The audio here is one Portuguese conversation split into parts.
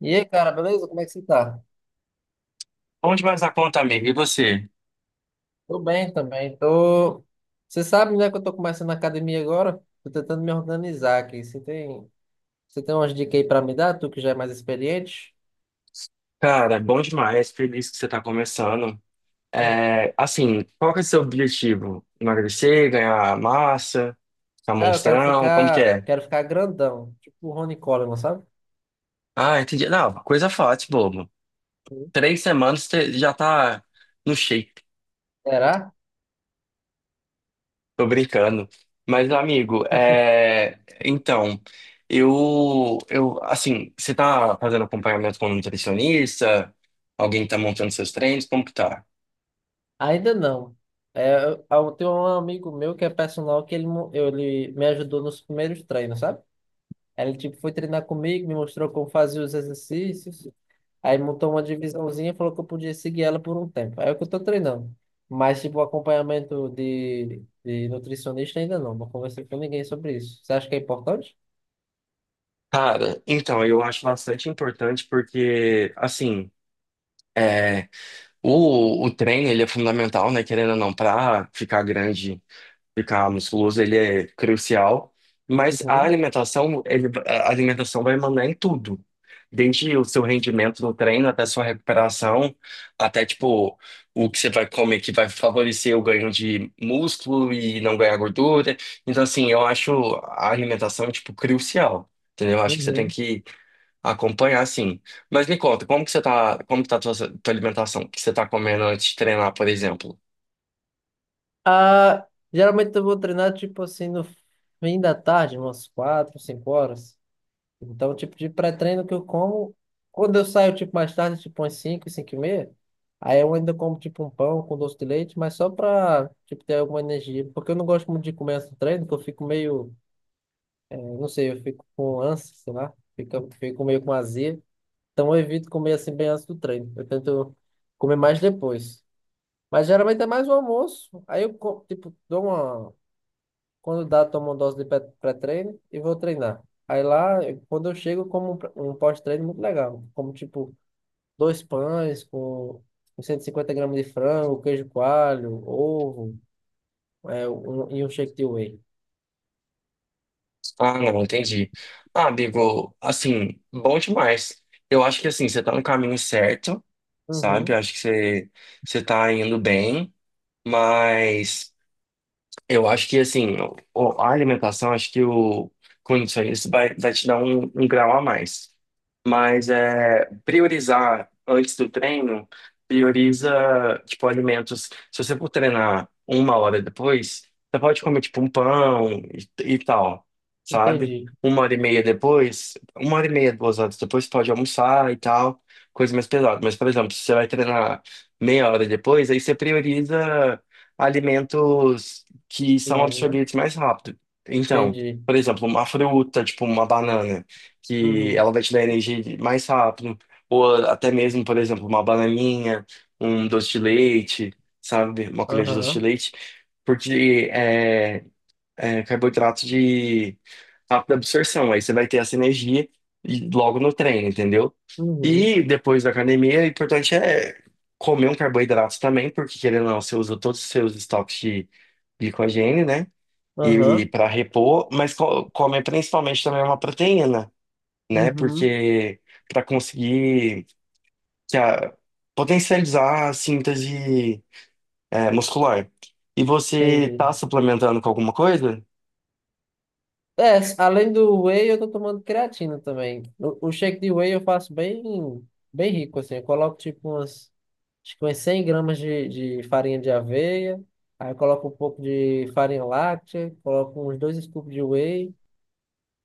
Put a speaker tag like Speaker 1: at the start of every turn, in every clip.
Speaker 1: E aí, cara, beleza? Como é que você tá?
Speaker 2: Bom demais a conta, amigo. E você?
Speaker 1: Tô bem também. Tô. Você sabe, né, que eu tô começando a academia agora? Tô tentando me organizar aqui. Você tem umas dicas aí pra me dar? Tu que já é mais experiente?
Speaker 2: Cara, bom demais. Feliz que você tá começando.
Speaker 1: Uhum.
Speaker 2: É, assim, qual que é o seu objetivo? Emagrecer, ganhar massa, ficar
Speaker 1: Cara, eu quero
Speaker 2: monstrão? Como que
Speaker 1: ficar,
Speaker 2: é?
Speaker 1: quero ficar grandão, tipo o Ronnie Coleman, sabe?
Speaker 2: Ah, entendi. Não, coisa fácil, bobo.
Speaker 1: Uhum.
Speaker 2: Três semanas você já tá no shape.
Speaker 1: Será?
Speaker 2: Tô brincando. Mas, amigo, então, assim, você tá fazendo acompanhamento com um nutricionista? Alguém que tá montando seus treinos? Como que tá?
Speaker 1: Ainda não. É, eu tenho um amigo meu que é personal que ele me ajudou nos primeiros treinos, sabe? Ele tipo foi treinar comigo, me mostrou como fazer os exercícios. Aí montou uma divisãozinha e falou que eu podia seguir ela por um tempo. Aí é o que eu tô treinando. Mas, tipo, acompanhamento de nutricionista ainda não. Não conversei com ninguém sobre isso. Você acha que é importante?
Speaker 2: Cara, então, eu acho bastante importante porque, assim, é, o treino, ele é fundamental, né? Querendo ou não, pra ficar grande, ficar musculoso, ele é crucial. Mas a
Speaker 1: Uhum,
Speaker 2: alimentação, a alimentação vai mandar em tudo. Desde o seu rendimento no treino, até a sua recuperação, até, tipo, o que você vai comer que vai favorecer o ganho de músculo e não ganhar gordura. Então, assim, eu acho a alimentação, tipo, crucial. Entendeu? Eu acho que você tem
Speaker 1: uhum.
Speaker 2: que acompanhar, sim. Mas me conta, como que você tá, como que tá a tua alimentação? O que você tá comendo antes de treinar, por exemplo?
Speaker 1: Ah, geralmente eu vou treinar, tipo assim, no fim da tarde, umas quatro, cinco horas. Então, tipo, de pré-treino que eu como, quando eu saio, tipo, mais tarde, tipo, umas cinco, cinco e meia, aí eu ainda como, tipo, um pão com doce de leite, mas só pra, tipo, ter alguma energia. Porque eu não gosto muito de comer antes do treino, porque eu fico meio. Eu não sei, eu fico com ânsia, sei lá, fico meio com azia. Então eu evito comer assim bem antes do treino. Eu tento comer mais depois. Mas geralmente é mais o almoço. Aí eu, tipo, dou uma. Quando dá, tomo uma dose de pré-treino e vou treinar. Aí lá, quando eu chego, eu como um pós-treino muito legal. Como, tipo, dois pães com 150 gramas de frango, queijo coalho, ovo, é, e um shake de whey.
Speaker 2: Ah, não, entendi. Ah, amigo, assim, bom demais. Eu acho que, assim, você tá no caminho certo, sabe?
Speaker 1: Uhum,
Speaker 2: Eu acho que você tá indo bem, mas... Eu acho que assim, a alimentação, acho que o com isso vai te dar um grau a mais. Mas é priorizar antes do treino, prioriza tipo alimentos. Se você for treinar uma hora depois, você pode comer tipo um pão e tal, sabe?
Speaker 1: entendi.
Speaker 2: Uma hora e meia depois, uma hora e meia, duas horas depois, você pode almoçar e tal, coisa mais pesada. Mas, por exemplo, se você vai treinar meia hora depois, aí você prioriza alimentos que são
Speaker 1: Leve, né?
Speaker 2: absorvidos mais rápido. Então,
Speaker 1: Entendi.
Speaker 2: por exemplo, uma fruta, tipo uma banana, que
Speaker 1: Uhum.
Speaker 2: ela vai te dar energia mais rápido, ou até mesmo, por exemplo, uma bananinha, um doce de leite, sabe? Uma colher de doce de
Speaker 1: Aham,
Speaker 2: leite, porque carboidrato de rápida absorção. Aí você vai ter essa energia logo no treino, entendeu?
Speaker 1: uhum,
Speaker 2: E depois da academia, o importante é comer um carboidrato também, porque querendo ou não, você usa todos os seus estoques de glicogênio, né? E
Speaker 1: aham,
Speaker 2: para repor, mas comer principalmente também uma proteína, né?
Speaker 1: uhum,
Speaker 2: Porque para conseguir que a- potencializar a síntese muscular. E você
Speaker 1: entendi.
Speaker 2: tá suplementando com alguma coisa?
Speaker 1: É, além do whey, eu tô tomando creatina também. O shake de whey eu faço bem, bem rico, assim. Eu coloco tipo umas, acho que umas 100 gramas de farinha de aveia, aí eu coloco um pouco de farinha láctea, coloco uns dois scoops de whey.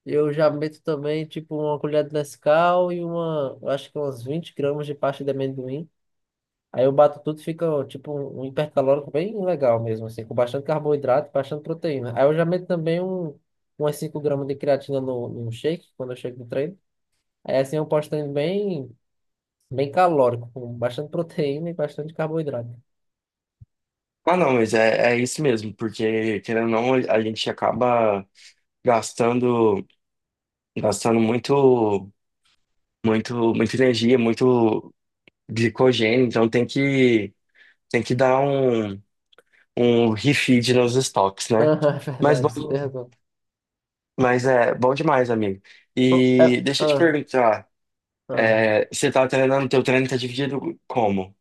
Speaker 1: Eu já meto também, tipo, uma colher de Nescau e uma, eu acho que umas 20 gramas de pasta de amendoim. Aí eu bato tudo, fica ó, tipo um hipercalórico bem legal mesmo, assim, com bastante carboidrato, bastante proteína. Aí eu já meto também umas 5 gramas de creatina no shake, quando eu chego do treino. Aí assim eu posto treino bem, bem calórico, com bastante proteína e bastante carboidrato.
Speaker 2: Ah, não, mas é isso mesmo, porque querendo ou não, a gente acaba gastando, gastando muito, muito, muita energia, muito glicogênio, então tem que dar um refeed nos estoques, né?
Speaker 1: Aham, é
Speaker 2: Mas bom,
Speaker 1: verdade, você tem razão.
Speaker 2: mas é bom demais, amigo.
Speaker 1: Bom,
Speaker 2: E deixa eu te perguntar,
Speaker 1: ah.
Speaker 2: você tá treinando, teu treino tá dividido como?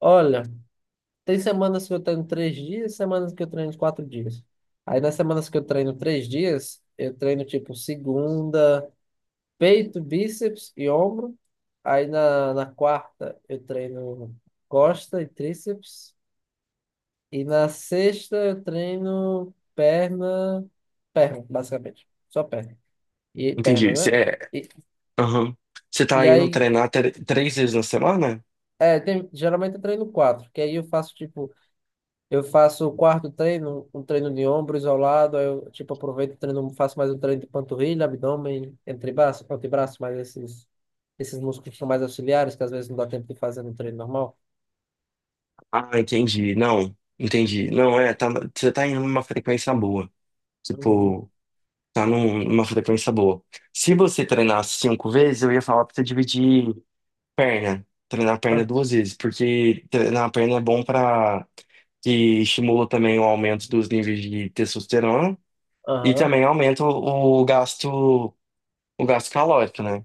Speaker 1: Olha, tem semanas que eu treino 3 dias, semanas que eu treino 4 dias. Aí nas semanas que eu treino 3 dias, eu treino tipo segunda: peito, bíceps e ombro. Aí na quarta eu treino costa e tríceps. E na sexta eu treino perna, perna, basicamente. Só perna. E perna,
Speaker 2: Entendi.
Speaker 1: né? E,
Speaker 2: Aham. Você tá
Speaker 1: e
Speaker 2: indo
Speaker 1: aí,
Speaker 2: treinar três vezes na semana?
Speaker 1: é, tem, geralmente eu treino quatro, que aí eu faço tipo, eu faço o quarto treino, um treino de ombro isolado, aí eu tipo aproveito e treino, faço mais um treino de panturrilha, abdômen, antebraço, antebraço, mais esses, músculos que são mais auxiliares, que às vezes não dá tempo de fazer no treino normal.
Speaker 2: Ah, entendi. Não, entendi. Não, tá, você tá indo numa frequência boa.
Speaker 1: Uhum.
Speaker 2: Tipo, tá numa frequência boa. Se você treinar cinco vezes, eu ia falar pra você dividir perna. Treinar a perna
Speaker 1: Ah,
Speaker 2: duas vezes, porque treinar a perna é bom pra que estimula também o aumento dos níveis de testosterona e
Speaker 1: aham,
Speaker 2: também aumenta o gasto calórico, né?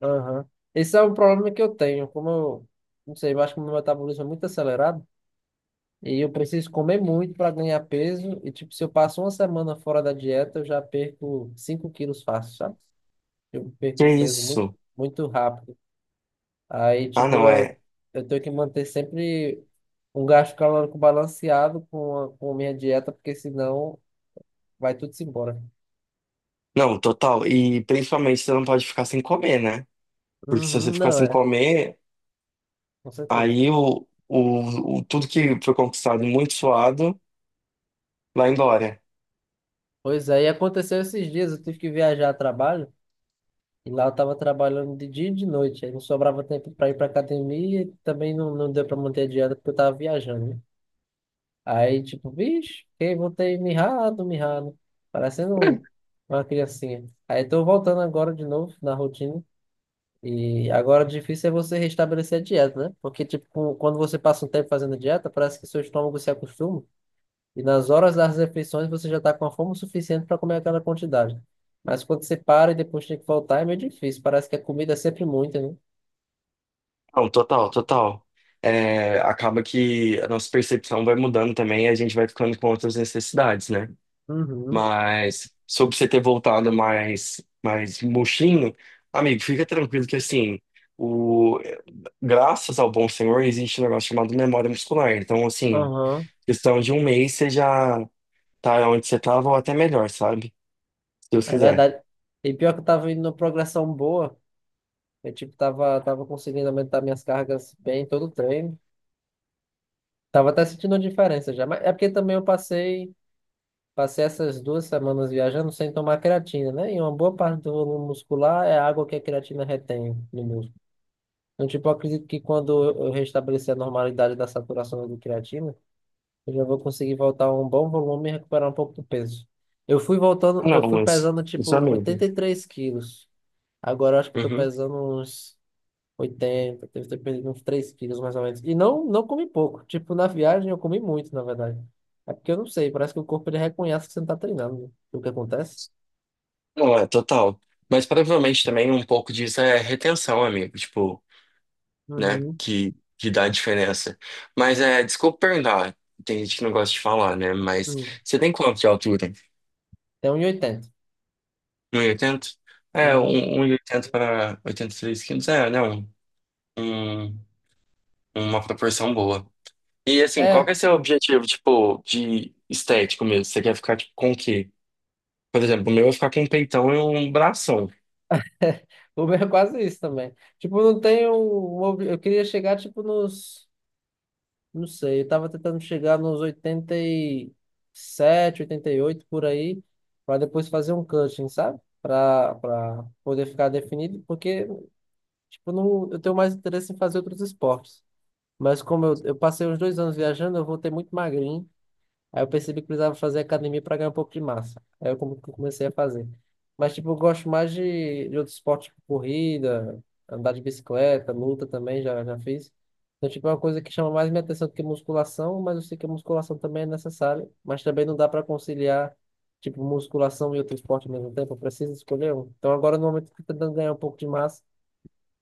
Speaker 1: aham. Esse é o problema que eu tenho. Como eu, não sei, eu acho que o meu metabolismo é muito acelerado e eu preciso comer muito para ganhar peso. E, tipo, se eu passo uma semana fora da dieta, eu já perco 5 quilos fácil, sabe? Eu
Speaker 2: Que
Speaker 1: perco um peso muito,
Speaker 2: isso?
Speaker 1: muito rápido. Aí,
Speaker 2: Ah,
Speaker 1: tipo,
Speaker 2: não,
Speaker 1: eu,
Speaker 2: é.
Speaker 1: eu tenho que manter sempre um gasto calórico balanceado com a minha dieta, porque senão vai tudo se embora.
Speaker 2: Não, total. E principalmente você não pode ficar sem comer, né? Porque se você
Speaker 1: Uhum,
Speaker 2: ficar
Speaker 1: não
Speaker 2: sem
Speaker 1: é,
Speaker 2: comer,
Speaker 1: com certeza.
Speaker 2: aí tudo que foi conquistado muito suado lá em Glória.
Speaker 1: Pois é, e aconteceu esses dias, eu tive que viajar a trabalho. E lá eu tava trabalhando de dia e de noite, aí não sobrava tempo para ir para academia e também não deu para manter a dieta porque eu tava viajando, né? Aí, tipo, vixe, fiquei, voltei mirrado, mirrado, parecendo uma criancinha. Aí tô voltando agora de novo na rotina e agora o difícil é você restabelecer a dieta, né? Porque, tipo, quando você passa um tempo fazendo dieta, parece que seu estômago se acostuma e nas horas das refeições você já está com a fome suficiente para comer aquela quantidade. Mas quando você para e depois tem que voltar, é meio difícil. Parece que a comida é sempre muita, né?
Speaker 2: Não, total, total. É, acaba que a nossa percepção vai mudando também e a gente vai ficando com outras necessidades, né?
Speaker 1: Uhum,
Speaker 2: Mas sobre você ter voltado mais, murchinho, amigo, fica tranquilo que assim, o, graças ao bom Senhor, existe um negócio chamado memória muscular. Então, assim,
Speaker 1: aham.
Speaker 2: questão de um mês você já tá onde você tava ou até melhor, sabe? Se Deus
Speaker 1: É
Speaker 2: quiser.
Speaker 1: verdade. E pior que eu tava indo numa progressão boa. Eu, tipo, tava conseguindo aumentar minhas cargas bem em todo o treino. Tava até sentindo uma diferença já. Mas é porque também eu passei, passei essas 2 semanas viajando sem tomar creatina, né? E uma boa parte do volume muscular é a água que a creatina retém no músculo. Então, tipo, eu acredito que quando eu restabelecer a normalidade da saturação da creatina, eu já vou conseguir voltar a um bom volume e recuperar um pouco do peso. Eu fui voltando,
Speaker 2: Ah,
Speaker 1: eu
Speaker 2: não,
Speaker 1: fui
Speaker 2: mas
Speaker 1: pesando,
Speaker 2: isso é
Speaker 1: tipo,
Speaker 2: medo.
Speaker 1: 83 quilos. Agora eu acho que tô
Speaker 2: Uhum.
Speaker 1: pesando uns 80, deve ter perdido uns 3 quilos mais ou menos. E não comi pouco. Tipo, na viagem eu comi muito, na verdade. É porque eu não sei, parece que o corpo ele reconhece que você não tá treinando, né? O que acontece?
Speaker 2: Não, é total. Mas provavelmente também um pouco disso é retenção, amigo. Tipo, né?
Speaker 1: Uhum.
Speaker 2: Que dá a diferença. Mas desculpa perguntar. Tem gente que não gosta de falar, né? Mas
Speaker 1: Uhum.
Speaker 2: você tem quanto de altura?
Speaker 1: Tem 1,80.
Speaker 2: 1,80?
Speaker 1: Uhum.
Speaker 2: 1,80 para 83 quilos. É, não. Um, um, uma proporção boa. E assim, qual
Speaker 1: É,
Speaker 2: que é seu objetivo, tipo, de estético mesmo? Você quer ficar tipo, com o quê? Por exemplo, o meu é ficar com um peitão e um bração.
Speaker 1: Uber é quase isso também. Tipo, não tenho. Eu queria chegar, tipo, nos. Não sei, eu tava tentando chegar nos oitenta, oitenta e sete, oitenta e oito por aí, para depois fazer um cutting, sabe? Para poder ficar definido, porque, tipo, não, eu tenho mais interesse em fazer outros esportes. Mas como eu passei uns 2 anos viajando, eu voltei muito magrinho. Aí eu percebi que precisava fazer academia para ganhar um pouco de massa. Aí eu comecei a fazer. Mas, tipo, eu gosto mais de outros esportes, tipo corrida, andar de bicicleta, luta também, já fiz. Então, tipo, é uma coisa que chama mais minha atenção do que musculação, mas eu sei que a musculação também é necessária. Mas também não dá para conciliar, tipo, musculação e outro esporte ao mesmo tempo. Eu preciso escolher um. Então, agora, no momento, eu tô tentando ganhar um pouco de massa.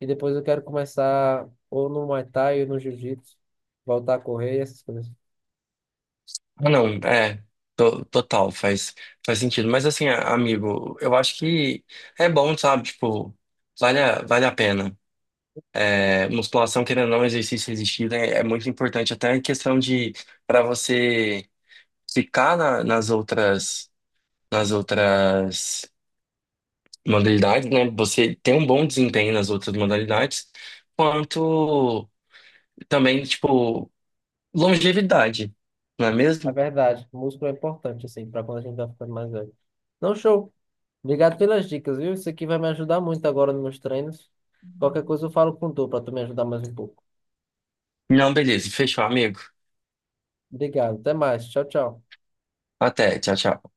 Speaker 1: E depois eu quero começar ou no Muay Thai ou no Jiu-Jitsu, voltar a correr, essas coisas.
Speaker 2: Ah, não, total, faz sentido. Mas assim, amigo, eu acho que é bom, sabe? Tipo, vale a pena. É, musculação, querendo ou não, exercício resistido é muito importante, até em questão de para você ficar nas outras modalidades, né? Você ter um bom desempenho nas outras modalidades, quanto também, tipo, longevidade, não é
Speaker 1: É
Speaker 2: mesmo?
Speaker 1: verdade, músculo é importante, assim, para quando a gente vai ficando mais velho. Não, show. Obrigado pelas dicas, viu? Isso aqui vai me ajudar muito agora nos meus treinos. Qualquer coisa eu falo com tu para tu me ajudar mais um pouco.
Speaker 2: Não, beleza, fechou, amigo.
Speaker 1: Obrigado, até mais. Tchau, tchau.
Speaker 2: Até, tchau, tchau.